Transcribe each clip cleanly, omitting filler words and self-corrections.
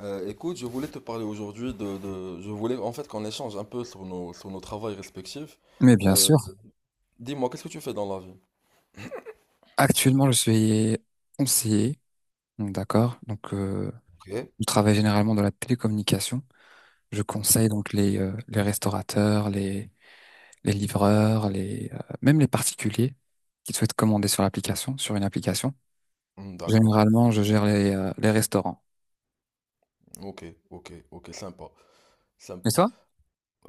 Écoute, je voulais te parler aujourd'hui Je voulais en fait qu'on échange un peu sur nos travails respectifs. Mais bien Euh, sûr, dis-moi, qu'est-ce que tu fais dans la vie? actuellement, je suis conseiller, donc d'accord. Donc, Ok. je travaille généralement dans la télécommunication. Je conseille D'accord. donc les restaurateurs, les livreurs, même les particuliers qui souhaitent commander sur l'application, sur une application. Hmm, d'accord. Généralement, je gère les restaurants. Ok, ok, ok, sympa, Et sympa. toi?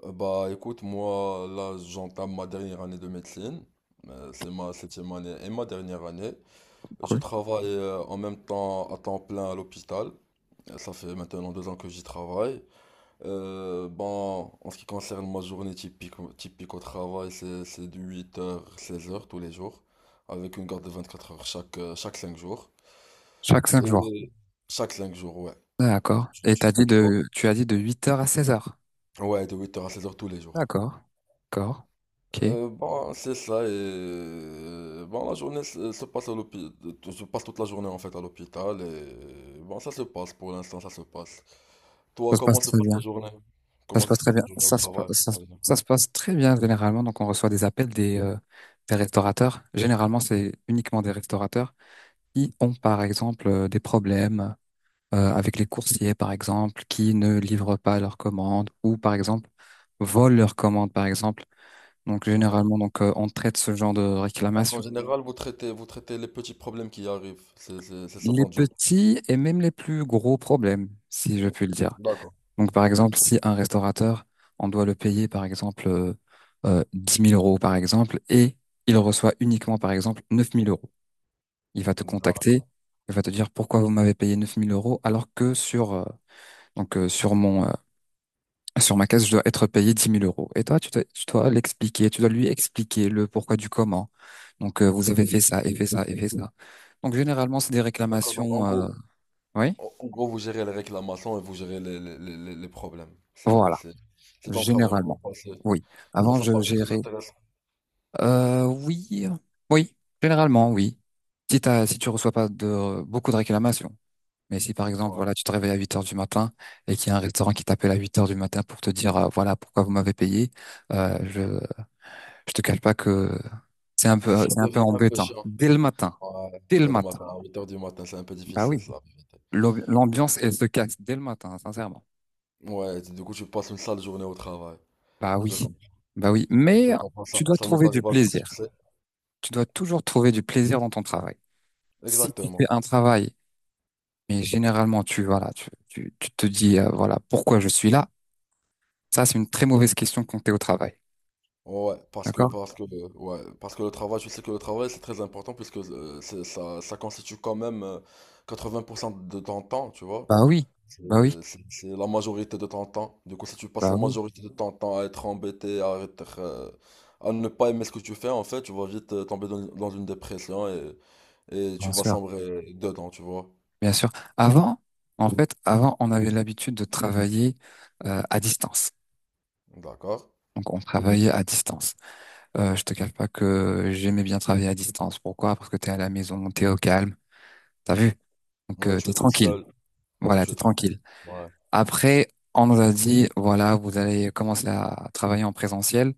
Bah écoute, moi là j'entame ma dernière année de médecine. C'est ma septième année et ma dernière année. Je Cool. travaille en même temps à temps plein à l'hôpital. Ça fait maintenant 2 ans que j'y travaille. Bon, en ce qui concerne ma journée typique, typique au travail, c'est de 8 heures 16 heures tous les jours, avec une garde de 24 heures chaque 5 jours. Chaque 5 jours. Et chaque 5 jours, ouais. D'accord. Tu- Et tu- tu vois. Tu as dit de 8 heures à 16 heures. Ouais, de 8 heures à 16 heures tous les jours. D'accord. D'accord. Ok. Bon, c'est ça, et bon, la journée se passe à l'hôpital, je passe toute la journée en fait à l'hôpital, et bon, ça se passe pour l'instant, ça se passe. Ça Toi, se passe comment se très passe bien. ta journée? Ça se Comment ça passe se très passe bien. ta journée au Ça se, pa- travail? En ça se passe très bien généralement. Donc, on reçoit des appels des restaurateurs. Généralement, c'est uniquement des restaurateurs qui ont, par exemple, des problèmes avec les coursiers, par exemple, qui ne livrent pas leurs commandes ou, par exemple, volent leurs commandes, par exemple. Donc, généralement, général on traite ce genre de Donc en réclamation. général, vous traitez les petits problèmes qui arrivent. C'est ça Les ton job. petits et même les plus gros problèmes, si je Mm. puis le dire. D'accord. Donc, par Ok. exemple, si un restaurateur, on doit le payer, par exemple, 10 000 euros, par exemple, et il reçoit uniquement, par exemple, 9 000 euros. Il va te contacter, D'accord. il va te dire pourquoi vous m'avez payé 9 000 euros alors que sur, donc, sur mon, sur ma caisse, je dois être payé 10 000 euros. Et toi, tu dois l'expliquer, tu dois lui expliquer le pourquoi du comment. Donc, vous avez fait ça et fait ça et fait ça. Donc, généralement, c'est des D'accord. Donc en réclamations, gros, oui, en en gros, vous gérez les réclamations et vous gérez les problèmes. C'est voilà, c'est- c'est ton travail en gros. généralement. Bah, c'est- Oui, bah, avant ça je paraît très gérais. intéressant. Oui, oui, généralement, oui. Si tu reçois pas de, beaucoup de réclamations. Mais si par exemple, Ouais. voilà, tu te réveilles à 8 heures du matin et qu'il y a un restaurant qui t'appelle à 8 heures du matin pour te dire, voilà, pourquoi vous m'avez payé, euh, je, je te cache pas que c'est un peu, Ça c'est un peu devient un peu embêtant. chiant. Dès le matin. Ouais. Dès le Dès le matin. matin, à 8 h du matin, c'est un peu Bah difficile, oui. ça, la vérité. L'ambiance, elle se casse dès le matin, sincèrement. Ouais, du coup, tu passes une sale journée au travail. Bah Je oui. comprends. Bah oui. Mais Je comprends ça. tu dois Ça nous trouver du arrive à tous, tu plaisir. sais. Tu dois toujours trouver du plaisir dans ton travail. Si tu fais Exactement. un travail. Mais généralement, tu te dis, voilà, pourquoi je suis là? Ça, c'est une très mauvaise question quand t'es au travail. Ouais, D'accord? Ouais, parce que le travail, je sais que le travail c'est très important puisque ça constitue quand même 80 % de ton temps, tu vois. Bah oui, C'est bah oui, c'est la majorité de ton temps. Du coup, si tu passes bah la oui, majorité de ton temps à être embêté, à ne pas aimer ce que tu fais, en fait, tu vas vite tomber dans une dépression et bien tu vas sûr, sombrer dedans, tu vois. bien sûr. Avant, en fait, avant, on avait l'habitude de travailler à distance. D'accord? Donc, on travaillait à distance. Je te cache pas que j'aimais bien travailler à distance. Pourquoi? Parce que t'es à la maison, t'es au calme, t'as vu? Donc, Ouais, tu t'es es tout tranquille. seul. Ouais, Voilà, tu t'es es tranquille. tranquille. Ouais. Après, on nous a dit, voilà, vous allez commencer à travailler en présentiel.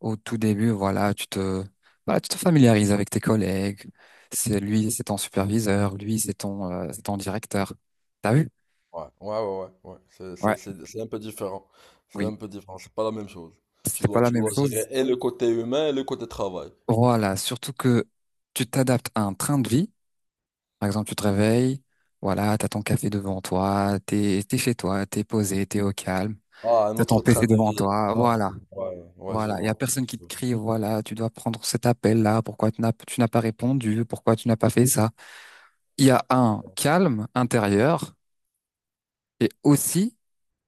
Au tout début, voilà, tu te familiarises avec tes collègues. C'est lui, c'est ton superviseur, lui, c'est ton directeur. T'as vu? Ouais, ouais, ouais, ouais, ouais. C'est, Ouais, c'est, c'est, c'est un peu différent. C'est oui. un peu différent, c'est pas la même chose. Tu C'est pas dois, la tu même dois chose. gérer et le côté humain et le côté travail. Voilà, surtout que tu t'adaptes à un train de vie. Par exemple, tu te réveilles, voilà, t'as ton café devant toi, t'es chez toi, t'es posé, t'es au calme, Ah, un t'as ton autre train PC de devant vie. toi, Ah, voilà, ouais, ouais, je voilà. Il y a vois. personne qui Je te vois. crie, voilà, tu dois prendre cet appel-là, pourquoi tu n'as pas répondu, pourquoi tu n'as pas fait ça. Il y a un calme intérieur et aussi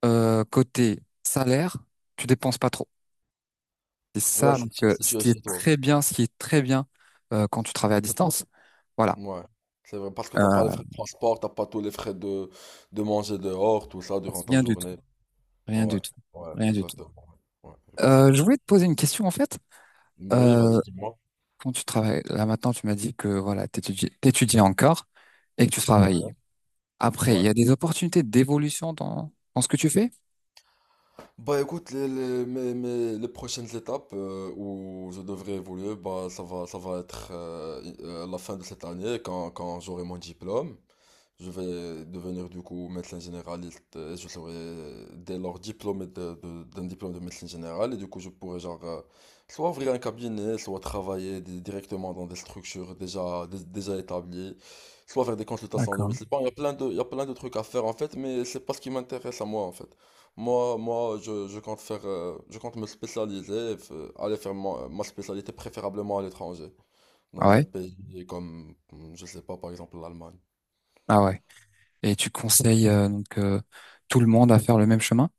côté salaire, tu dépenses pas trop. C'est Ouais, ça si donc tu, si ce tu es qui est chez toi. très bien, ce qui est très bien quand tu travailles à distance. Voilà. Ouais. C'est vrai, parce que t'as pas les Euh, frais de transport, t'as pas tous les frais de manger dehors, tout ça, durant ta rien du tout, journée. rien du Ouais, tout, ouais, rien du tout. exactement. Ouais, ouais, je conçois Euh, très je voulais te poser une question en fait. bien. Oui, Euh, vas-y, dis-moi. quand tu travailles, là maintenant tu m'as dit que voilà, t'étudiais encore et que tu Ouais. travaillais. Après, il Ouais. y a des opportunités d'évolution dans ce que tu fais? Bah écoute, les prochaines étapes où je devrais évoluer, bah ça va être à la fin de cette année, quand j'aurai mon diplôme. Je vais devenir du coup médecin généraliste et je serai dès lors diplômé d'un diplôme de médecine générale et du coup je pourrai genre soit ouvrir un cabinet, soit travailler directement dans des structures déjà, déjà établies, soit faire des consultations à D'accord. domicile. Bon, il y a plein de trucs à faire en fait, mais c'est pas ce qui m'intéresse à moi en fait. Moi, je compte faire, je compte me spécialiser, aller faire ma spécialité préférablement à l'étranger, Ah dans un ouais? pays comme, je sais pas, par exemple l'Allemagne. Ah ouais. Et tu conseilles tout le monde à faire le même chemin,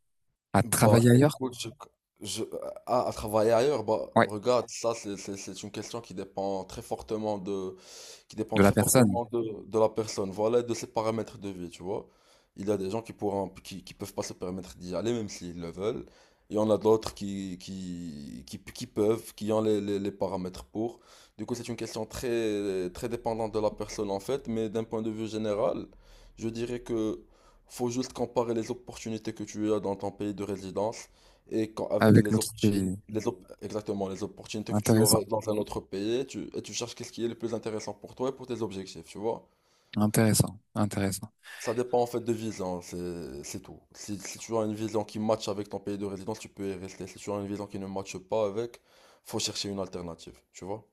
à Bah, travailler ailleurs? écoute, je- à travailler ailleurs, bah, Ouais. regarde, ça, c'est une question qui dépend De la très personne fortement de la personne, voilà, et de ses paramètres de vie, tu vois. Il y a des gens qui pourront, qui peuvent pas se permettre d'y aller, même s'ils le veulent. Il y en a d'autres qui peuvent, qui ont les paramètres pour. Du coup, c'est une question très, très dépendante de la personne, en fait, mais d'un point de vue général, je dirais que faut juste comparer les opportunités que tu as dans ton pays de résidence et avec avec les l'autre opportunités, pays. Exactement, les opportunités que tu Intéressant, auras dans un autre pays, et tu cherches qu'est-ce qui est le plus intéressant pour toi et pour tes objectifs, tu vois. intéressant, intéressant. Ça dépend en fait de vision, c'est tout. Si tu as une vision qui matche avec ton pays de résidence, tu peux y rester. Si tu as une vision qui ne matche pas avec, faut chercher une alternative, tu vois.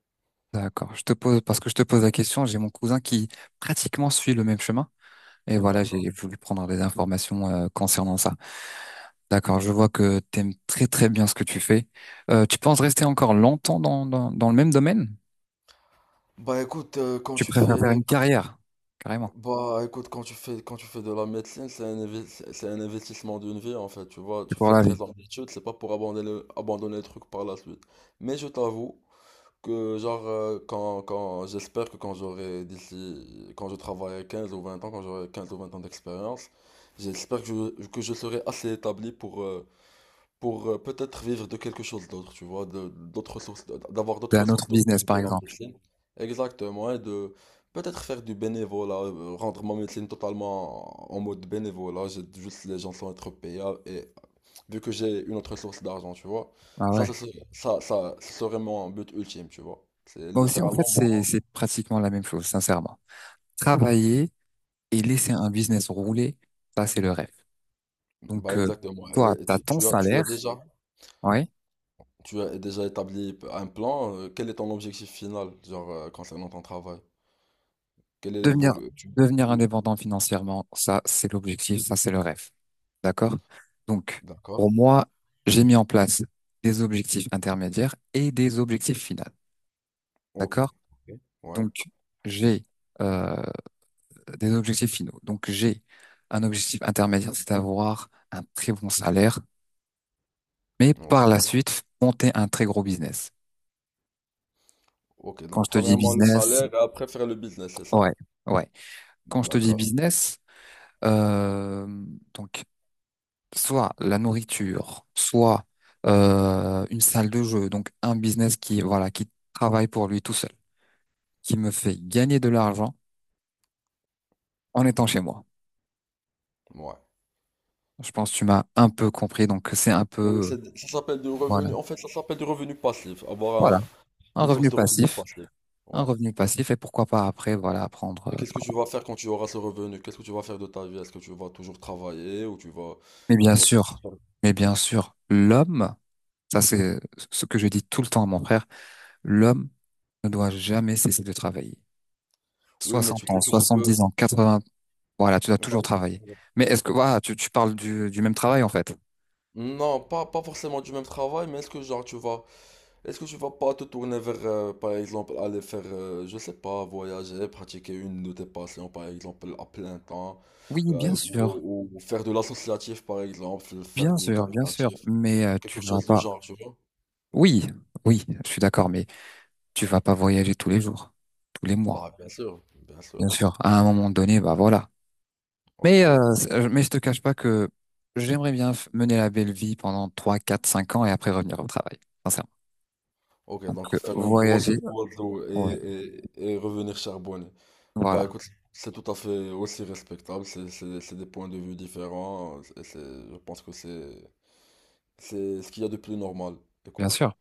D'accord. Je te pose parce que je te pose la question. J'ai mon cousin qui pratiquement suit le même chemin. Et voilà, D'accord. j'ai voulu prendre des informations concernant ça. D'accord. Je vois que t'aimes très très bien ce que tu fais. Tu penses rester encore longtemps dans le même domaine? Bah écoute, quand Tu tu préfères faire fais, une carrière, carrément. Bah écoute, quand tu fais de la médecine, c'est un investissement d'une vie en fait, tu vois, C'est tu pour fais la vie. 13 ans d'études, c'est pas pour abandonner le truc par la suite. Mais je t'avoue que genre, j'espère que quand je travaillerai 15 ou 20 ans, quand j'aurai 15 ou 20 ans d'expérience, j'espère que que je serai assez établi pour, peut-être vivre de quelque chose d'autre, tu vois, d'avoir C'est d'autres un autre sources de business, revenus que par la exemple. médecine. Exactement, et de peut-être faire du bénévolat, rendre ma médecine totalement en mode bénévolat, j'ai juste les gens sont être payés, et vu que j'ai une autre source d'argent, tu vois, Ah ça, ouais. ça, serait- ça, ce serait mon but ultime, tu vois. C'est Moi aussi, en fait, littéralement moi. c'est pratiquement la même chose, sincèrement. Travailler et laisser un business rouler, ça, c'est le rêve. Donc, Bah exactement. toi, Et t'as tu, ton salaire, ouais. tu as déjà établi un plan. Quel est ton objectif final, genre, concernant ton travail? Quel est Devenir, l'évolution? devenir indépendant financièrement, ça, c'est l'objectif, ça, c'est le rêve. D'accord? Donc, D'accord. pour moi, j'ai mis en place des objectifs intermédiaires et des objectifs finaux. Ok. D'accord? Ouais. Donc, j'ai euh, des objectifs finaux. Donc, j'ai un objectif intermédiaire, c'est d'avoir un très bon salaire mais par la Ok. suite, monter un très gros business. Ok. Quand Donc, je te dis premièrement, le business, salaire et après faire le business, c'est ça? ouais, ouais. Quand je te dis D'accord. business, euh, donc soit la nourriture, soit une salle de jeu, donc un business qui, voilà, qui travaille pour lui tout seul, qui me fait gagner de l'argent en étant chez moi. Ouais. Je pense que tu m'as un peu compris, donc Oui, ça s'appelle du voilà, revenu. En fait, ça s'appelle du revenu passif. Avoir voilà, un une source revenu de revenu passif, passif. un Ouais. revenu passif, et pourquoi pas après, voilà, prendre. Et qu'est-ce que tu vas faire quand tu auras ce revenu? Qu'est-ce que tu vas faire de ta vie? Est-ce que tu vas toujours travailler ou tu vas, Mais tu bien vas. sûr, mais bien sûr, l'homme. Ça, c'est ce que je dis tout le temps à mon frère. L'homme ne doit jamais cesser de travailler. Oui, mais tu 60 ans, sais que tu peux. 70 ans, 80, voilà, tu dois Bah, toujours travailler. Mais est-ce que, voilà, tu parles du même travail, en fait? non, pas forcément du même travail, mais est-ce que genre tu vas est-ce que tu vas pas te tourner vers par exemple aller faire je sais pas voyager, pratiquer une de tes passions par exemple à plein temps Oui, bien sûr, ou faire de l'associatif par exemple, faire bien du sûr, bien sûr, caritatif, mais quelque tu vas chose de pas. genre, tu vois? Oui, oui, je suis d'accord, mais tu vas pas voyager tous les jours, tous les mois, Bah bien sûr, bien bien sûr. sûr. À un moment donné, bah voilà. Mais euh, OK. c'est- mais je te cache pas que j'aimerais bien mener la belle vie pendant 3, 4, 5 ans et après revenir au travail. Sincèrement. Ok, Donc, donc faire une grosse voyager. photo et, Ouais. et, et revenir charbonner. Bah Voilà, écoute, c'est tout à fait aussi respectable, c'est des points de vue différents, et je pense que c'est ce qu'il y a de plus normal, bien écoute. sûr.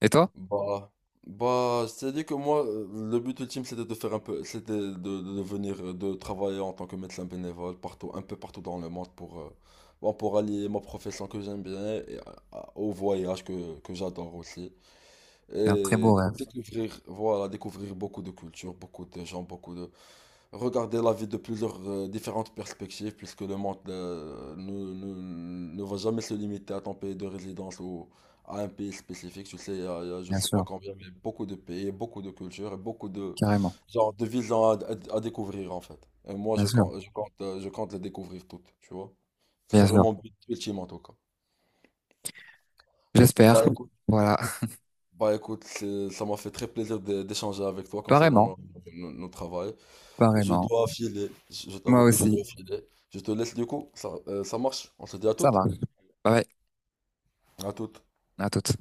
Et toi? Bah, bah, je t'ai dit que moi, le but ultime c'était de faire un peu, c'était de venir, de travailler en tant que médecin bénévole partout, un peu partout dans le monde pour allier ma profession que j'aime bien et, au voyage que j'adore aussi. C'est un très Et beau rêve, voilà, découvrir beaucoup de cultures, beaucoup de gens, beaucoup de... Regarder la vie de plusieurs différentes perspectives, puisque le monde ne va jamais se limiter à ton pays de résidence ou à un pays spécifique. Tu sais, il y a je bien sais pas sûr, combien, mais beaucoup de pays, beaucoup de cultures et beaucoup carrément, genre, de visions à découvrir, en fait. Et moi, bien sûr, je compte les découvrir toutes, tu vois. Ce bien serait sûr. mon but ultime, en tout cas. J'espère. Bah, écoute. Voilà, Bah écoute, ça m'a fait très plaisir d'échanger avec toi concernant apparemment, nos travails. Je apparemment. dois filer, je Moi t'avoue que je aussi. dois filer. Je te laisse du coup, ça marche. On se dit à Ça toutes. va. Bye bye. À toutes. À toutes.